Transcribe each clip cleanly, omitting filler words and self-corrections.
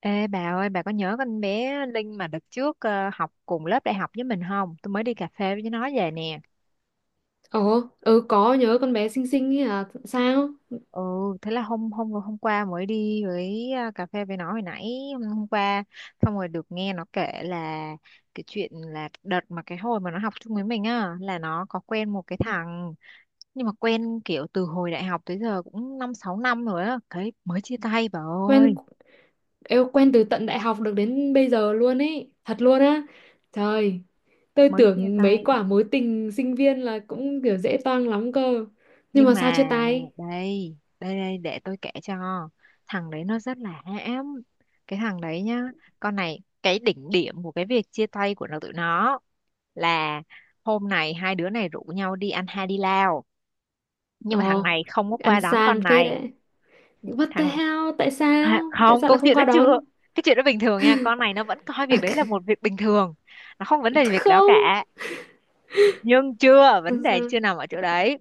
Ê bà ơi, bà có nhớ con bé Linh mà đợt trước học cùng lớp đại học với mình không? Tôi mới đi cà phê với nó về nè. Ồ, ừ có nhớ con bé xinh xinh ấy à, sao? Ừ, thế là hôm hôm hôm qua mới đi với cà phê với nó hồi nãy hôm qua, xong rồi được nghe nó kể là cái chuyện là đợt mà cái hồi mà nó học chung với mình á, là nó có quen một cái thằng, nhưng mà quen kiểu từ hồi đại học tới giờ cũng 5 6 năm rồi á, cái mới chia tay bà ơi, Quen, eo quen từ tận đại học được đến bây giờ luôn ấy, thật luôn á. Trời, tôi mới chia tưởng mấy tay. quả mối tình sinh viên là cũng kiểu dễ toang lắm cơ. Nhưng Nhưng mà sao chia mà tay? đây đây đây, để tôi kể cho. Thằng đấy nó rất là hãm. Cái thằng đấy nhá, con này, cái đỉnh điểm của cái việc chia tay của tụi nó là hôm này hai đứa này rủ nhau đi ăn Hai đi lao, nhưng mà thằng Ồ, này không có qua ăn đón sang con phết này. đấy. What the Thằng... hell? Tại Hả? sao? Tại Không, sao lại câu không chuyện nó qua chưa. đón? Cái chuyện đó bình thường nha, con này nó vẫn coi À, việc đấy là một việc bình thường, nó không vấn đề gì việc đó không. cả. Nhưng chưa, vấn Làm đề sao? chưa nằm ở chỗ đấy.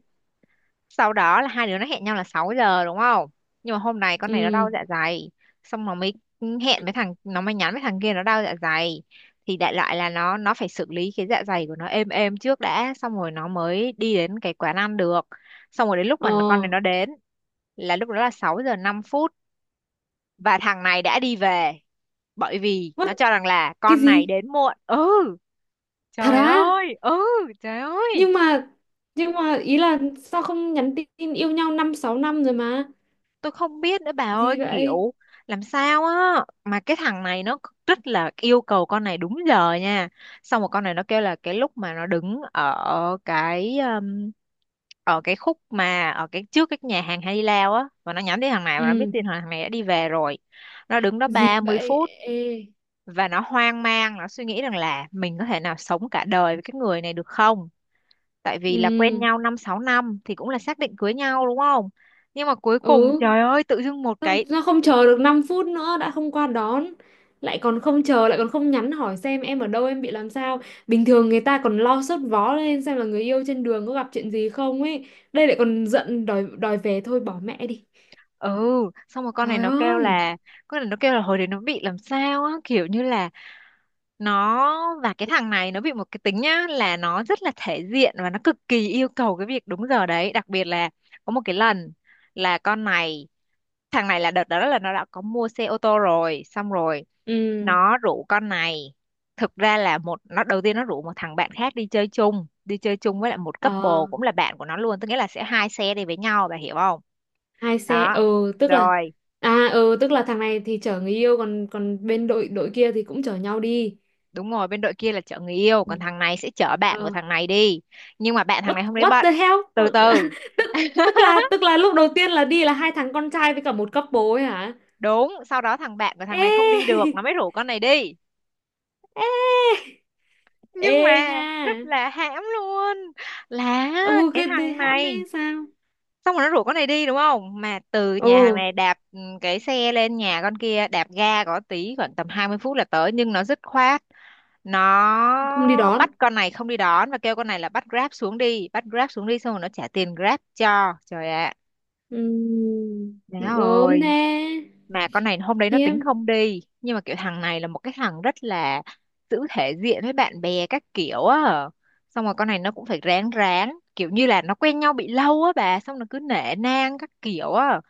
Sau đó là hai đứa nó hẹn nhau là 6 giờ, đúng không? Nhưng mà hôm nay con này nó Ừ. đau dạ dày, xong nó mới hẹn với thằng, nó mới nhắn với thằng kia nó đau dạ dày, thì đại loại là nó phải xử lý cái dạ dày của nó êm êm trước đã, xong rồi nó mới đi đến cái quán ăn được. Xong rồi đến lúc mà Ồ, con này nó đến là lúc đó là 6 giờ 5 phút, và thằng này đã đi về, bởi vì nó what? cho rằng là Cái con này gì? đến muộn. Ừ, Thật trời á? ơi, ừ, trời ơi. nhưng mà nhưng mà ý là sao không nhắn tin, yêu nhau 5 6 năm rồi mà Tôi không biết nữa bà ơi, gì vậy? kiểu làm sao á, mà cái thằng này nó rất là yêu cầu con này đúng giờ nha. Xong rồi con này nó kêu là cái lúc mà nó đứng ở cái khúc mà ở cái trước cái nhà hàng Hai Di Lao á, và nó nhắm đến thằng này và nó biết Ừ, tin thằng này đã đi về rồi, nó đứng đó gì ba mươi vậy? phút Ê. Và nó hoang mang, nó suy nghĩ rằng là mình có thể nào sống cả đời với cái người này được không, tại vì là quen Ừ. nhau 5 6 năm thì cũng là xác định cưới nhau, đúng không? Nhưng mà cuối Ừ, cùng, trời ơi, tự dưng một sao, cái... sao không chờ được 5 phút nữa, đã không qua đón lại còn không chờ, lại còn không nhắn hỏi xem em ở đâu, em bị làm sao. Bình thường người ta còn lo sốt vó lên xem là người yêu trên đường có gặp chuyện gì không ấy, đây lại còn giận đòi, đòi về thôi bỏ mẹ đi. Ừ, xong rồi con này Trời nó kêu ơi. là, hồi đấy nó bị làm sao á, kiểu như là nó và cái thằng này nó bị một cái tính nhá, là nó rất là thể diện và nó cực kỳ yêu cầu cái việc đúng giờ đấy. Đặc biệt là có một cái lần là con này... thằng này, là đợt đó là nó đã có mua xe ô tô rồi, xong rồi Ừ. nó rủ con này. Thực ra là một nó đầu tiên nó rủ một thằng bạn khác đi chơi chung, đi chơi chung với lại một couple Ờ, cũng là bạn của nó luôn, tức nghĩa là sẽ hai xe đi với nhau, bà hiểu không? hai xe, Đó, ừ tức là rồi, à ừ tức là thằng này thì chở người yêu, còn còn bên đội, đội kia thì cũng chở nhau đi. đúng rồi, bên đội kia là chở người yêu, Ừ. còn thằng này sẽ chở bạn của Ờ, thằng này đi. Nhưng mà bạn thằng what này hôm đấy what bận. the hell Từ từ, tức, tức là lúc đầu tiên là đi là hai thằng con trai với cả một couple ấy hả? đúng. Sau đó thằng bạn của thằng Ê này không đi được, nó mới rủ con này đi. ê Nhưng ê mà nha. rất là hãm luôn, là Ừ, cái cái thì thằng hãm này, thế sao? xong rồi nó rủ con này đi, đúng không? Mà từ Ồ, nhà hàng này đạp cái xe lên nhà con kia đạp ga có tí, khoảng tầm 20 phút là tới, nhưng nó dứt khoát không đi nó đón. bắt con này không đi đón, và kêu con này là bắt Grab xuống đi, bắt Grab xuống đi, xong rồi nó trả tiền Grab cho. Trời ạ, má Gớm thế. ơi, mà con này hôm đấy nó Khiêm. tính không đi. Nhưng mà kiểu thằng này là một cái thằng rất là giữ thể diện với bạn bè các kiểu á. Xong rồi con này nó cũng phải ráng ráng, kiểu như là nó quen nhau bị lâu á bà, xong nó cứ nể nang các kiểu á.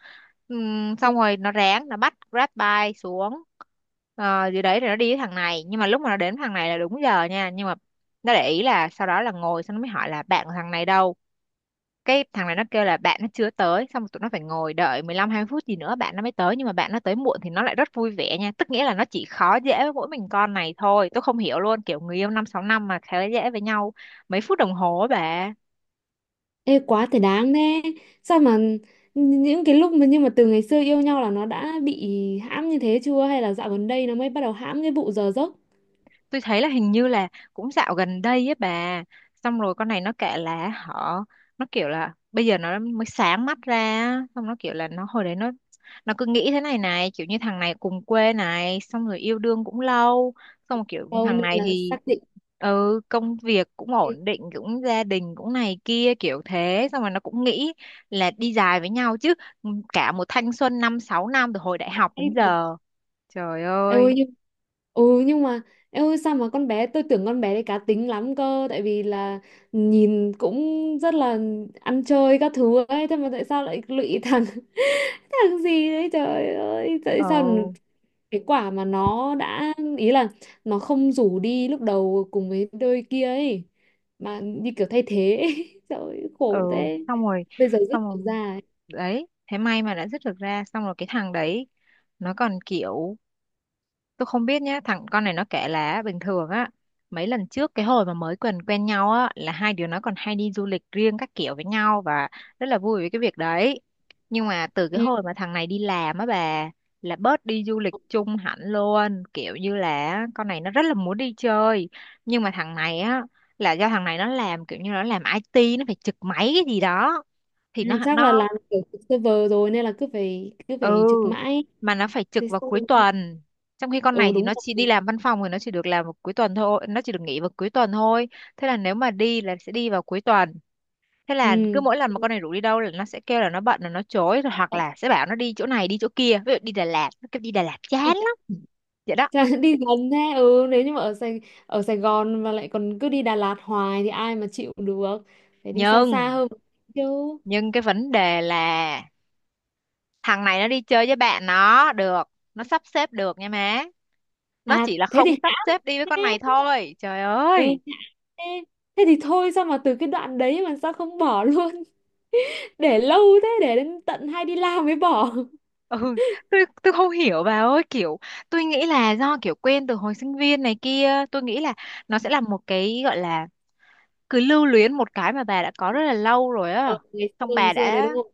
Xong rồi nó ráng, nó bắt Grab bike xuống. Ờ, dưới đấy rồi nó đi với thằng này. Nhưng mà lúc mà nó đến với thằng này là đúng giờ nha. Nhưng mà nó để ý là sau đó là ngồi xong nó mới hỏi là bạn của thằng này đâu. Cái thằng này nó kêu là bạn nó chưa tới, xong rồi tụi nó phải ngồi đợi 15 hai phút gì nữa bạn nó mới tới. Nhưng mà bạn nó tới muộn thì nó lại rất vui vẻ nha, tức nghĩa là nó chỉ khó dễ với mỗi mình con này thôi. Tôi không hiểu luôn, kiểu người yêu 5 6 năm mà khá dễ với nhau mấy phút đồng hồ á bà. Ê, quá thể đáng thế. Sao mà những cái lúc mà, nhưng mà từ ngày xưa yêu nhau là nó đã bị hãm như thế chưa, hay là dạo gần đây nó mới bắt đầu hãm cái vụ giờ giấc? Tôi thấy là hình như là cũng dạo gần đây ấy bà. Xong rồi con này nó kể là họ... nó kiểu là bây giờ nó mới sáng mắt ra á. Xong nó kiểu là nó hồi đấy nó... nó cứ nghĩ thế này này, kiểu như thằng này cùng quê này, xong rồi yêu đương cũng lâu, xong rồi kiểu Đâu thằng nên này là thì, xác định. ừ, công việc cũng ổn định, cũng gia đình cũng này kia kiểu thế. Xong rồi nó cũng nghĩ là đi dài với nhau chứ, cả một thanh xuân 5 6 năm từ hồi đại học đến giờ. Trời Em ơi ơi, nhưng, ừ nhưng mà em ơi, sao mà con bé, tôi tưởng con bé đấy cá tính lắm cơ, tại vì là nhìn cũng rất là ăn chơi các thứ ấy, thế mà tại sao lại lụy thằng thằng gì đấy, trời ơi tại sao? ừ, Cái quả mà nó đã ý là nó không rủ đi lúc đầu cùng với đôi kia ấy, mà như kiểu thay thế ấy. Trời ơi, ừ, khổ thế. xong rồi, Bây giờ rất xong rồi ra ấy. đấy. Thế may mà đã dứt được ra. Xong rồi cái thằng đấy nó còn kiểu... tôi không biết nhá, con này nó kể là bình thường á, mấy lần trước cái hồi mà mới quen quen nhau á, là hai đứa nó còn hay đi du lịch riêng các kiểu với nhau và rất là vui với cái việc đấy. Nhưng mà từ cái Ừ. hồi mà thằng này đi làm á bà, là bớt đi du lịch chung hẳn luôn, kiểu như là con này nó rất là muốn đi chơi, nhưng mà thằng này á, là do thằng này nó làm, kiểu như nó làm IT, nó phải trực máy cái gì đó, thì À, nó chắc là nó làm kiểu trực server rồi nên là cứ phải cứ ừ phải trực mãi. mà nó phải Thế trực vào xong. cuối tuần, trong khi con này Ừ thì đúng nó rồi. chỉ đi làm văn phòng thì nó chỉ được làm vào cuối tuần thôi, nó chỉ được nghỉ vào cuối tuần thôi. Thế là nếu mà đi là sẽ đi vào cuối tuần. Thế là cứ Ừ, mỗi lần mà con này rủ đi đâu là nó sẽ kêu là nó bận, là nó chối rồi, hoặc là sẽ bảo nó đi chỗ này đi chỗ kia, ví dụ đi Đà Lạt nó kêu đi Đà Lạt đi, chán lắm. Vậy đó. chả- đi gần thế, ừ nếu như mà ở Sài, ở Sài Gòn mà lại còn cứ đi Đà Lạt hoài thì ai mà chịu được, phải đi xa xa nhưng hơn một tí chứ. nhưng cái vấn đề là thằng này nó đi chơi với bạn nó được, nó sắp xếp được nha má, nó À chỉ là thế không thì sắp hay xếp đi với con này thế. thôi, trời Ê, ơi. thế, thế thì thôi, sao mà từ cái đoạn đấy mà sao không bỏ luôn? Để lâu thế, để đến tận hay đi làm mới bỏ. Ừ, tôi không hiểu bà ơi, kiểu tôi nghĩ là do kiểu quen từ hồi sinh viên này kia, tôi nghĩ là nó sẽ là một cái gọi là cứ lưu luyến một cái mà bà đã có rất là lâu rồi á. Ờ, ngày xưa, Xong ngày bà xưa đấy đã, đúng không?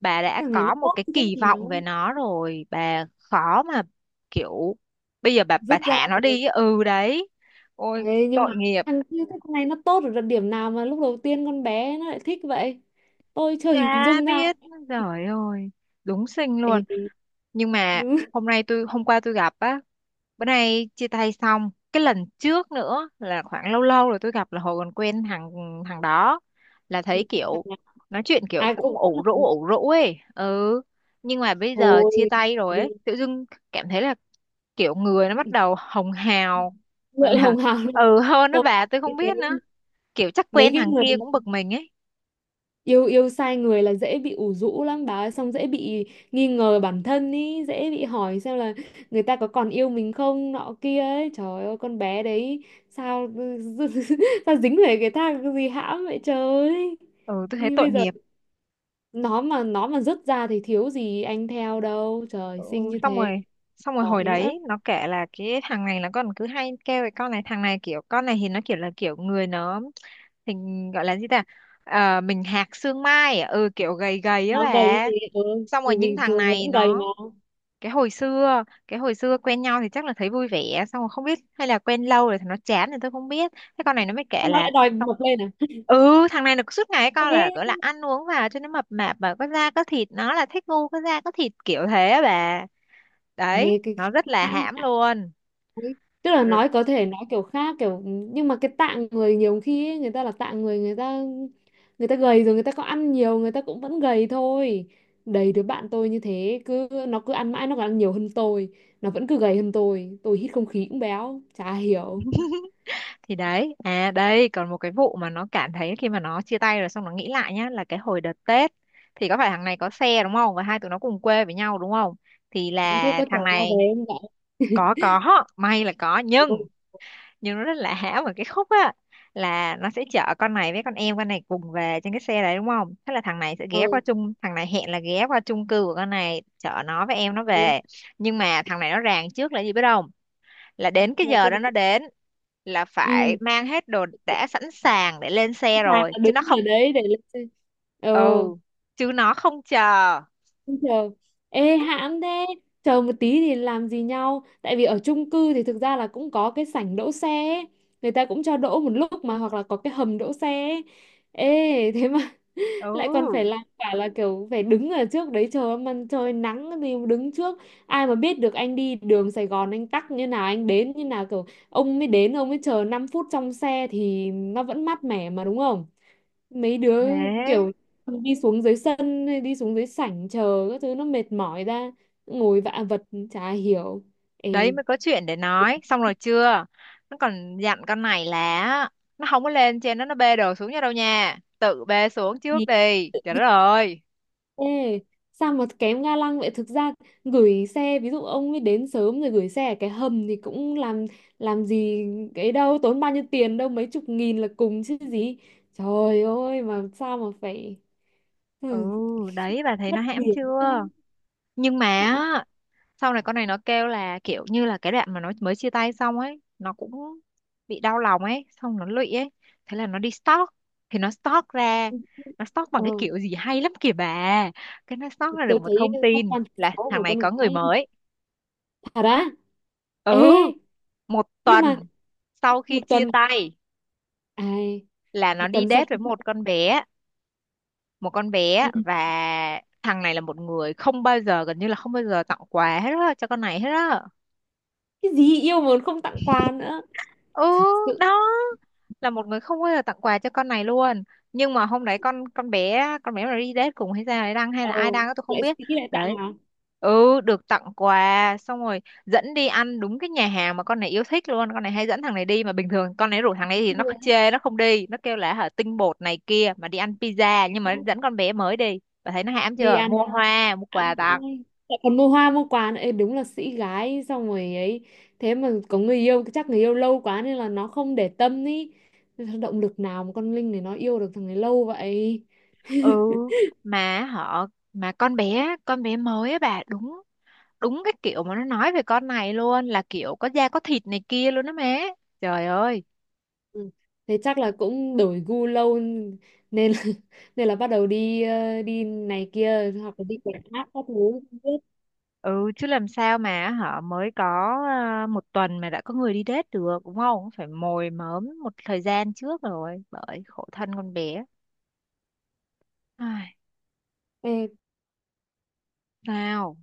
bà đã Thằng này nó có một tốt cái cái chỗ nào kỳ vọng về nó rồi, bà khó mà kiểu bây giờ bà dứt ra thả nó được. đi á. Ừ, đấy. Ôi, Đấy, nhưng tội mà nghiệp. thằng kia, thế con này nó tốt ở điểm nào mà lúc đầu tiên con bé nó lại thích vậy? Tôi chưa Chả hình dung ra. biết, trời ơi, đúng xinh Ê, luôn. Nhưng mà đúng. Hôm qua tôi gặp á, bữa nay chia tay xong. Cái lần trước nữa là khoảng lâu lâu rồi tôi gặp là hồi còn quen thằng thằng đó. Là thấy Thằng kiểu, nào nói chuyện kiểu ai cũng cũng vẫn là ủ rũ ấy. Ừ, nhưng mà bây giờ chia thôi tay rồi đi. ấy, tự dưng cảm thấy là kiểu người nó bắt đầu hồng hào. Gọi Lượng là, hồng hào lên. ừ hơn đó Tôi bà, tôi không nghĩ thế. biết nữa. Kiểu chắc Mấy quen cái thằng người kia cũng bực mình ấy. yêu, yêu sai người là dễ bị ủ rũ lắm bà ơi, xong dễ bị nghi ngờ bản thân ý, dễ bị hỏi xem là người ta có còn yêu mình không nọ kia ấy, trời ơi con bé đấy sao sao dính về cái thang gì hãm vậy trời. Ừ, tôi thấy Ý, tội bây giờ nghiệp. nó mà rớt ra thì thiếu gì anh theo đâu, trời Ừ, xinh như xong thế, rồi, xong rồi hồi giỏi nữa. đấy nó kể là cái thằng này là con cứ hay kêu cái con này, thằng này kiểu, con này thì nó kiểu là kiểu người nó hình, gọi là gì ta? Ờ, mình hạc xương mai à? Ừ, kiểu gầy gầy á Nó gầy bà. thì ừ, Xong rồi thì những bình thằng thường nó này vẫn gầy mà. nó cái hồi xưa quen nhau thì chắc là thấy vui vẻ, xong rồi không biết hay là quen lâu rồi thì nó chán thì tôi không biết. Thế con này nó mới kể Sao nó là lại đòi xong- mập lên à? ừ, thằng này là suốt ngày Thế. con là gọi là ăn uống vào cho nó mập mạp và có da có thịt, nó là thích ngu có da có thịt kiểu thế á bà. Ê, Đấy, cái nó rất hãm là hãm hãm hãm luôn. ấy. Tức là Rồi- nói có thể nói kiểu khác kiểu, nhưng mà cái tạng người nhiều khi ấy, người ta là tạng người, người ta gầy rồi, người ta có ăn nhiều người ta cũng vẫn gầy thôi. Đầy đứa bạn tôi như thế, cứ nó cứ ăn mãi, nó còn ăn nhiều hơn tôi, nó vẫn cứ gầy hơn tôi hít không khí cũng béo, chả hiểu. thì đấy, à đây còn một cái vụ mà nó cảm thấy khi mà nó chia tay rồi, xong nó nghĩ lại nhá, là cái hồi đợt Tết thì có phải thằng này có xe đúng không, và hai tụi nó cùng quê với nhau đúng không, thì Có thế, là có thằng chở nhau này về không vậy? có, may là có Ôi, nhưng nó rất là hãm ở cái khúc á. Là nó sẽ chở con này với con em con này cùng về trên cái xe đấy đúng không. Thế là ờ, thằng này hẹn là ghé qua chung cư của con này, chở nó với em nó ừ, về. Nhưng mà thằng này nó ràng trước là gì biết không? Là đến cái là giờ cái gì? đó nó đến là Ừ phải mang hết đồ sẵn đã sẵn sàng để lên xe sàng rồi, là chứ nó đứng ở không. đấy để lên xe. Ừ, Ừ, chứ nó không chờ. chờ, ê hãm thế. Chờ một tí thì làm gì nhau? Tại vì ở chung cư thì thực ra là cũng có cái sảnh đỗ xe ấy. Người ta cũng cho đỗ một lúc mà, hoặc là có cái hầm đỗ xe ấy. Ê thế mà lại còn phải Ừ, làm cả là kiểu phải đứng ở trước đấy chờ, em ăn trời nắng thì đứng trước, ai mà biết được anh đi đường Sài Gòn anh tắc như nào, anh đến như nào, kiểu ông mới đến, ông mới chờ 5 phút trong xe thì nó vẫn mát mẻ mà đúng không? Mấy đứa thế kiểu đi xuống dưới sân hay đi xuống dưới sảnh chờ các thứ nó mệt mỏi ra, ngồi vạ vật, chả hiểu. đấy Ê, mới có chuyện để nói, xong rồi chưa. Nó còn dặn con này là nó không có lên trên, nó bê đồ xuống nha đâu nha, tự bê xuống trước thì- đi. Trời đất ơi! Ê, sao mà kém ga lăng vậy? Thực ra gửi xe, ví dụ ông ấy đến sớm rồi gửi xe ở cái hầm thì cũng làm gì cái đâu, tốn bao nhiêu tiền đâu, mấy chục nghìn là cùng chứ gì. Trời ơi, mà sao mà phải Ừ, ừ, đấy bà thấy nó mất hãm điểm chưa. thế. Nhưng mà Hả? á, sau này con này nó kêu là kiểu như là cái đoạn mà nó mới chia tay xong ấy, nó cũng bị đau lòng ấy, xong nó lụy ấy. Thế là nó đi stalk. Thì nó stalk ra, nó stalk bằng Ờ, cái kiểu gì hay lắm kìa bà. Cái nó stalk ra tôi được một thấy thông các tin quan thứ là sáu thằng của này con có người gái mới. thật á. Ê, Ừ, một nhưng mà tuần sau khi một chia tuần, tay à, là nó một đi tuần sau date với một con bé một con ừ. bé Và thằng này là một người không bao giờ, gần như là không bao giờ tặng quà hết á cho con này hết á. Cái gì yêu mà còn không tặng quà nữa. Ừ, Sự, đó là một người không bao giờ tặng quà cho con này luôn. Nhưng mà hôm đấy con bé mà đi date cùng hay ra đấy đăng, hay ờ, là ai đăng á, tôi không lại biết. sĩ lại tặng Đấy, à? ừ, được tặng quà xong rồi dẫn đi ăn đúng cái nhà hàng mà con này yêu thích luôn. Con này hay dẫn thằng này đi mà bình thường con này rủ thằng này thì Hay nó là- chê, nó không đi, nó kêu là hả, tinh bột này kia, mà đi ăn pizza. Nhưng mà dẫn con bé mới đi, bà thấy nó hãm đi chưa, ăn. mua hoa mua quà Ám tặng. cũng- lại còn mua hoa mua quà nữa. Ê, đúng là sĩ gái xong rồi ấy, thế mà có người yêu, chắc người yêu lâu quá nên là nó không để tâm ý, động lực nào mà con Linh này nó yêu được thằng này lâu vậy. Ừ, mà họ, mà con bé mới á bà, đúng đúng cái kiểu mà nó nói về con này luôn, là kiểu có da có thịt này kia luôn đó má. Trời ơi! Ừ. Thế chắc là cũng đổi gu lâu nên là, nên là bắt đầu đi ờ, đi này kia hoặc là đi quảng khác các thứ không biết. Ừ, chứ làm sao mà họ mới có, à, một tuần mà đã có người đi date được. Đúng không phải mồi mớm một thời gian trước rồi, bởi khổ thân con bé. Ai, Ê, sao.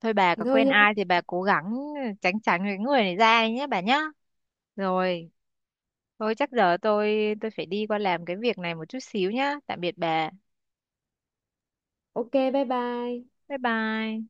Thôi, bà thì có thôi quen nhá. ai thì bà cố gắng tránh tránh cái người này ra đi nhé bà nhá. Rồi, thôi chắc giờ tôi phải đi qua làm cái việc này một chút xíu nhá. Tạm biệt bà. OK bye bye. Bye bye.